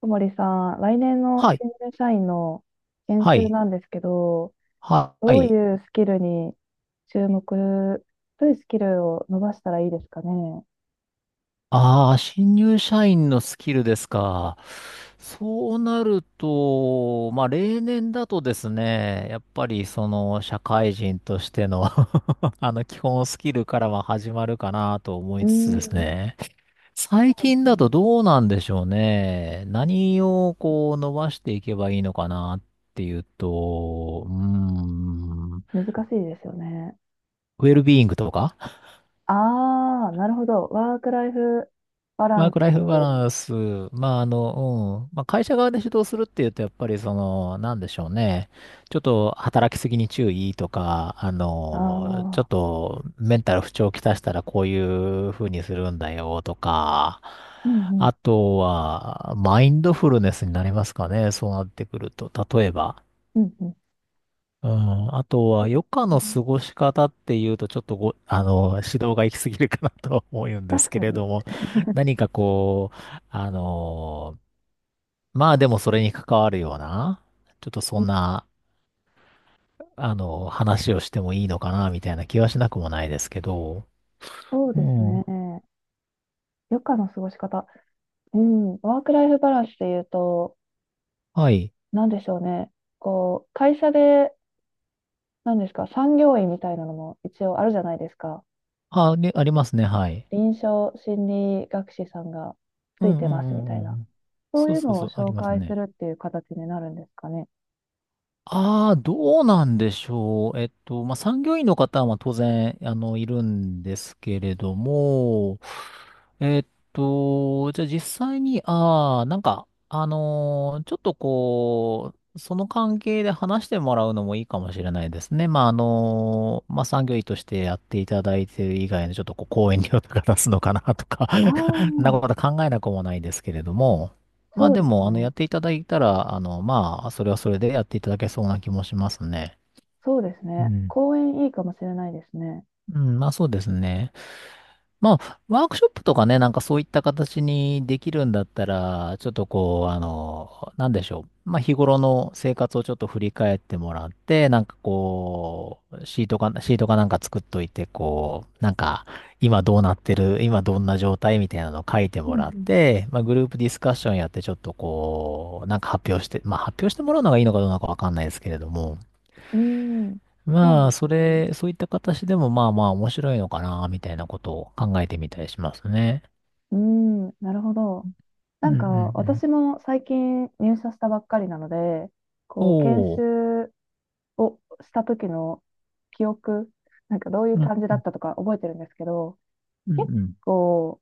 小森さん、来年のはい。新入社員の研は修い。なんですけど、はどうい。いうスキルに注目、どういうスキルを伸ばしたらいいですかね。ああ、新入社員のスキルですか。そうなると、まあ、例年だとですね、やっぱりその社会人としての 基本スキルからは始まるかなと思ういーつつですん、ね。そ最うで近すよだね。とどうなんでしょうね。何をこう伸ばしていけばいいのかなっていうと、ウ難しいですよね。ェルビーイングとかああ、なるほど。ワークライフバラワーンス。クライフバランス、まあ、うん。まあ、会社側で指導するっていうと、やっぱりその、なんでしょうね。ちょっと働きすぎに注意とか、あちょっあ、とメンタル不調をきたしたらこういう風にするんだよとか、うんうん、あとは、マインドフルネスになりますかね。そうなってくると。例えば、うんうん。うん、あとは、そう余で暇のすね、過ごし方っていうと、ちょっとご、あの、指導が行き過ぎるかなとは思うんで確すけかれに。ども、何かこう、あの、まあでもそれに関わるような、ちょっとそんな、話をしてもいいのかな、みたいな気はしなくもないですけど、そううですん。ね。余暇の過ごし方。うん。ワークライフバランスで言うと、はい。なんでしょうね。こう、会社で、なんですか、産業医みたいなのも一応あるじゃないですか。あ、ね、ありますね、はい。臨床心理学士さんがうつんいうてますみんうたいんな。うん。そうそういうそうのそをう、あり紹ます介すね。るっていう形になるんですかね。ああ、どうなんでしょう。まあ、産業医の方は当然、いるんですけれども、えっじゃあ実際に、ああ、なんか、ちょっとこう、その関係で話してもらうのもいいかもしれないですね。まあ、まあ、産業医としてやっていただいている以外のちょっとこう、講演料とか出すのかなとか あ そんなあ、こと考えなくもないですけれども、まあそうでですも、やね。っていただいたら、まあ、それはそれでやっていただけそうな気もしますね。そうですうね。ん。講演いいかもしれないですね。うん、まあそうですね。まあ、ワークショップとかね、なんかそういった形にできるんだったら、ちょっとこう、なんでしょう。まあ、日頃の生活をちょっと振り返ってもらって、なんかこう、シートかなんか作っといて、こう、なんか、今どうなってる、今どんな状態みたいなのを書いてうもらっんて、まあ、グループディスカッションやって、ちょっとこう、なんか発表して、まあ、発表してもらうのがいいのかどうなのかわかんないですけれども、うん。そうでまあ、すね。そういった形でもまあまあ面白いのかな、みたいなことを考えてみたりしますね。うーなるほど。なうんんうか、ん私も最近入社したばっかりなので、うん。こう、研おー。修をした時の記憶、なんかどういううん、感じだったとか覚えてるんですけど、うん、う結ん。構、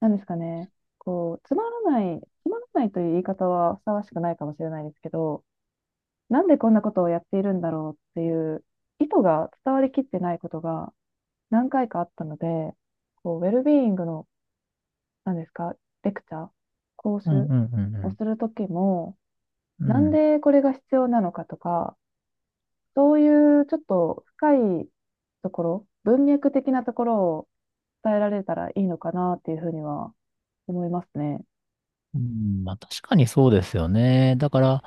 なんですかね、こう、つまらないという言い方はふさわしくないかもしれないですけど、なんでこんなことをやっているんだろうっていう意図が伝わりきってないことが何回かあったので、こう、ウェルビーイングの、なんですか、レクチャー、講うん習うんうんをうん。する時も、うなんん。でこれが必要なのかとか、そういうちょっと深いところ、文脈的なところを伝えられたらいいのかなっていうふうには思いますね。うんまあ確かにそうですよね。だから、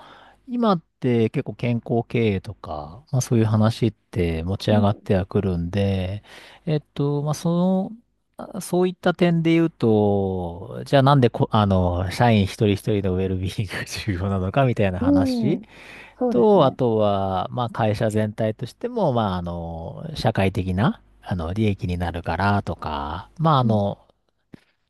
今って結構健康経営とか、まあそういう話って持ちう上がっん。てはくるんで、まあその、あそういった点で言うと、じゃあなんでこ、あの、社員一人一人のウェルビーイングが重要なのかみたいなう話ん。そうですと、あね。とは、まあ、会社全体としても、まあ、社会的な、利益になるからとか、まあ、うん。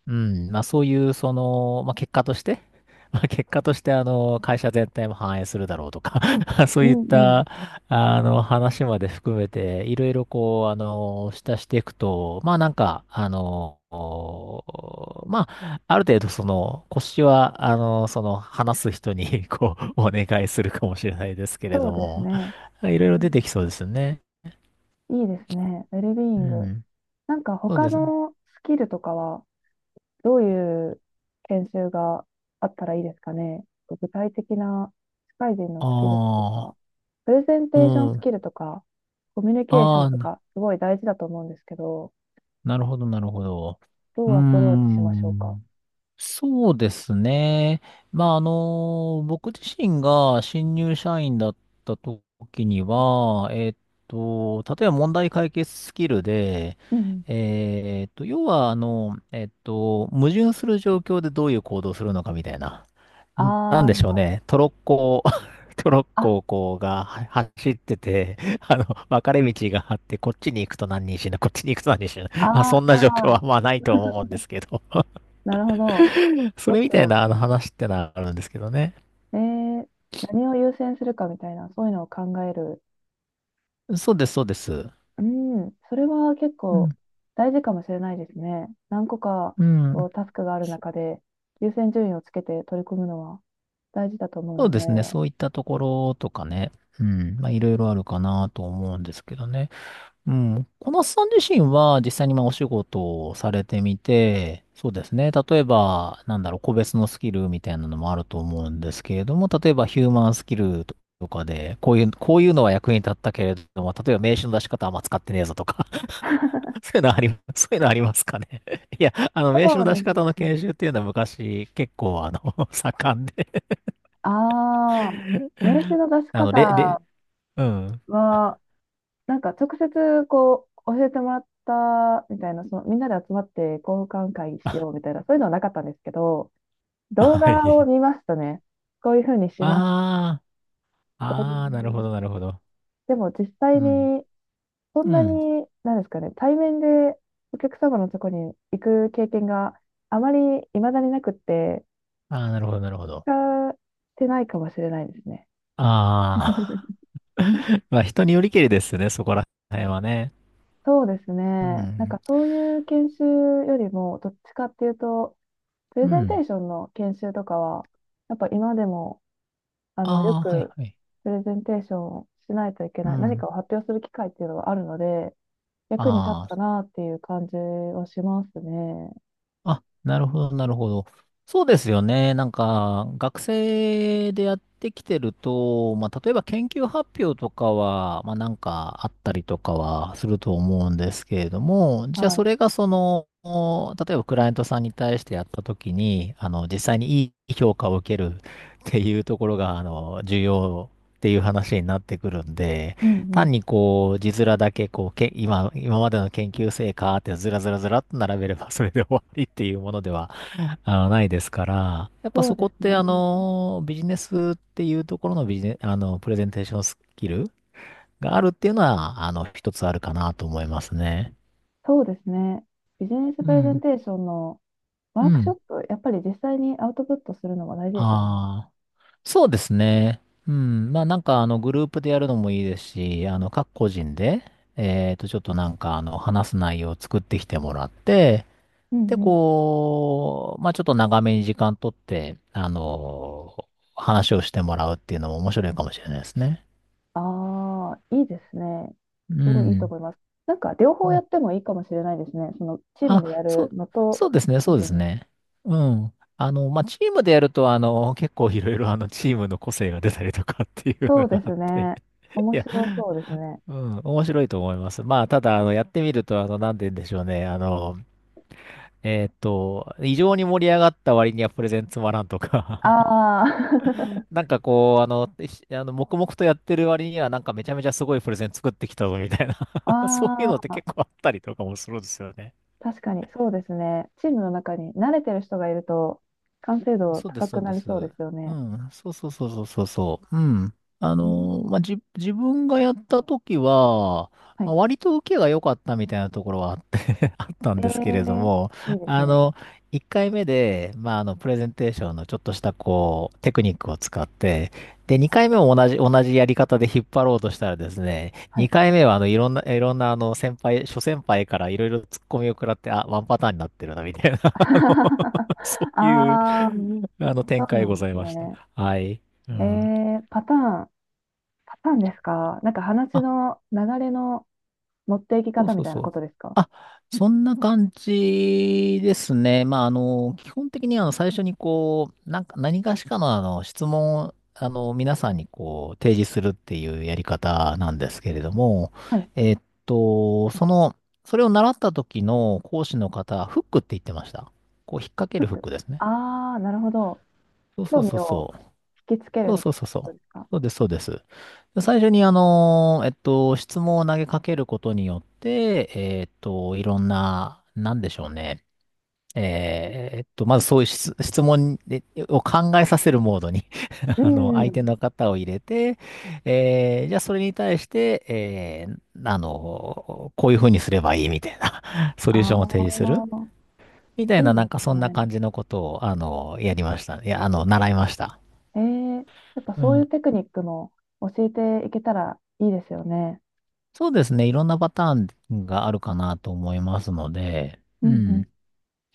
うん、まあそういう、その、まあ結果として、まあ結果として、会社全体も反映するだろうとか そうういっんうん。た、話まで含めて、いろいろこう、下していくと、まあなんか、まあ、ある程度その、腰は、話す人に こう、お願いするかもしれないですけれそうどですも、ね。いろいうろ出ん、てきそうですよね。いいですね。ウェルビーイうング。ん、なんかそう他ですね。のスキルとかはどういう研修があったらいいですかね。具体的な社会人のあスキルとか、あ、プレゼンうテーションスキん。ルとか、コミュニケーショあンとあ、か、すごい大事だと思うんですけど、なるほど、なるほど。うどーうアプローチしましょうか。ん。そうですね。まあ、僕自身が新入社員だった時には、例えば問題解決スキルで、うんうん、要は、矛盾する状況でどういう行動をするのかみたいな。なんあでしょうー、ね。トロッコ トロッあ、コをこうがは走ってて、分かれ道があって、こっちに行くと何人死ぬ、こっちに行くと何人死ぬ。あまあ、そんな状況はー、まあないと思うんですけど。なるほど。そどっれみちたいを、なあの話ってのはあるんですけどね。えー、何を優先するかみたいな、そういうのを考える。そうです、そうです。うん、それは結うん。構大事かもしれないですね。何個かうこん。うタスクがある中で優先順位をつけて取り組むのは大事だと思うそうのでで。すね。そういったところとかね。うん。まあ、いろいろあるかなと思うんですけどね。うん。小夏さん自身は実際にまあお仕事をされてみて、そうですね。例えば、なんだろう、個別のスキルみたいなのもあると思うんですけれども、例えばヒューマンスキルとかで、こういうのは役に立ったけれども、例えば名刺の出し方はあんま使ってねえぞとか そういうのあり、そういうのありますかね。いや、名刺そうので出し方のす研修っね。ていうのは昔結構あの、盛んで、ああ、名刺の出 しあの、れ、れ、方うん。は、なんか直接こう教えてもらったみたいな、そのみんなで集まって交換会しようみたいな、そういうのはなかったんですけど、動は画をい。見ますとね、こういうふうにしますああ、ああ、なるほと、ど、なるほど。でも実う際ん。にそんうなん。に、なんですかね、対面でお客様のとこに行く経験があまり未だになくって、ああ、なるほど、なるほど。使ってないかもしれないですね。あ あ、まあ人によりけりですよね、そこら辺はね。そうですね。うなんん。かそういう研修よりも、どっちかっていうと、プうレゼンテん。ーションの研修とかは、やっぱ今でも、あの、よああ、はい、くはい。プレゼンテーションをしないといけうない、何ん。かを発表する機会っていうのはあるので、役に立っああ、たなっていう感じはしますね。あ、なるほど、なるほど。そうですよね。なんか、学生でやってきてると、まあ、例えば研究発表とかは、まあ、なんかあったりとかはすると思うんですけれども、じゃあはそい。れがその、例えばクライアントさんに対してやったときに、実際にいい評価を受けるっていうところが、重要っていう話になってくるんで、うんう単ん。にこう、字面だけこう、今までの研究成果ってずらずらずらっと並べれば それで終わりっていうものでは、ないですから、やっぱそうそこでっすてね。あの、ビジネスっていうところのビジネ、あの、プレゼンテーションスキルがあるっていうのは、一つあるかなと思いますね。そうですね。ビジネスうプレゼンん。テーションのワうークショッん。プ、やっぱり実際にアウトプットするのが大事でしょうね。ああ、そうですね。うん。まあなんかあの、グループでやるのもいいですし、各個人で、えっと、ちょっとなんかあの、話す内容を作ってきてもらって、うんで、うん。こう、まあちょっと長めに時間取って、話をしてもらうっていうのも面白いかもしれないですね。ああ、いいですね。うすごいいいとん。思います。なんか両方やってもいいかもしれないですね。そのチームあ、でやるのと、そうですね、個そうで人すで。ね。うん。まあチームでやると、結構いろいろあの、チームの個性が出たりとかっていうそのうでがあっすて、ね。面いや、白そうですね。うん、面白いと思います。まあ、ただ、やってみると、なんて言うんでしょうね。異常に盛り上がった割にはプレゼンつまらんとかああ、なんかこう、あの、しあの黙々とやってる割には、なんかめちゃめちゃすごいプレゼン作ってきたぞみたい な そういうあのってあ、結構あったりとかもするんですよね。確かにそうですね。チームの中に慣れてる人がいると、完成度そうで高す、そくうなでりす。そうですようね。ん、そうそうそうそうそうそう。うん。うん、まあ、自分がやった時は、はまい。あ、割と受けが良かったみたいなところはあって あったえんですけれどえ、も、いいですあね。の、1回目で、まあ、プレゼンテーションのちょっとした、こう、テクニックを使って、で、2回目も同じやり方で引っ張ろうとしたらですね、はい。2回目は、いろんな、先輩、諸先輩からいろいろ突っ込みを食らって、あ、ワンパターンになってるな、みたいな、そういうああ、あの展そう開なごんざでいすました。ね。はい。うえん。ー、パターン、パターンですか、なんか話あ、の流れの持っていきそう方そみうたいそなこう。とですか。あ、そんな感じですね。まあ、基本的にあの最初にこう、なんか何かしかのあの質問をあの皆さんにこう提示するっていうやり方なんですけれども、はい。えっと、その、それを習った時の講師の方、フックって言ってました。こう引っ掛けフるッフック。クですね。ああ、なるほど。そうそ興う味そうをそう。引きつけそるうみたそいうなそうこそとう。ですか。そうです、そうです。で最初に、質問を投げかけることによって、いろんな、なんでしょうね。まずそういう質問でを考えさせるモードに う相手ん。の方を入れて、じゃあそれに対して、こういうふうにすればいいみたいな ソあリューションを提示するあ、みたいいいな、でなんかすそんなね。感じのことを、やりました。いや、習いました。えー、やっぱうそうん。いうテクニックも教えていけたらいいですよね。そうですね。いろんなパターンがあるかなと思いますので、ううんん。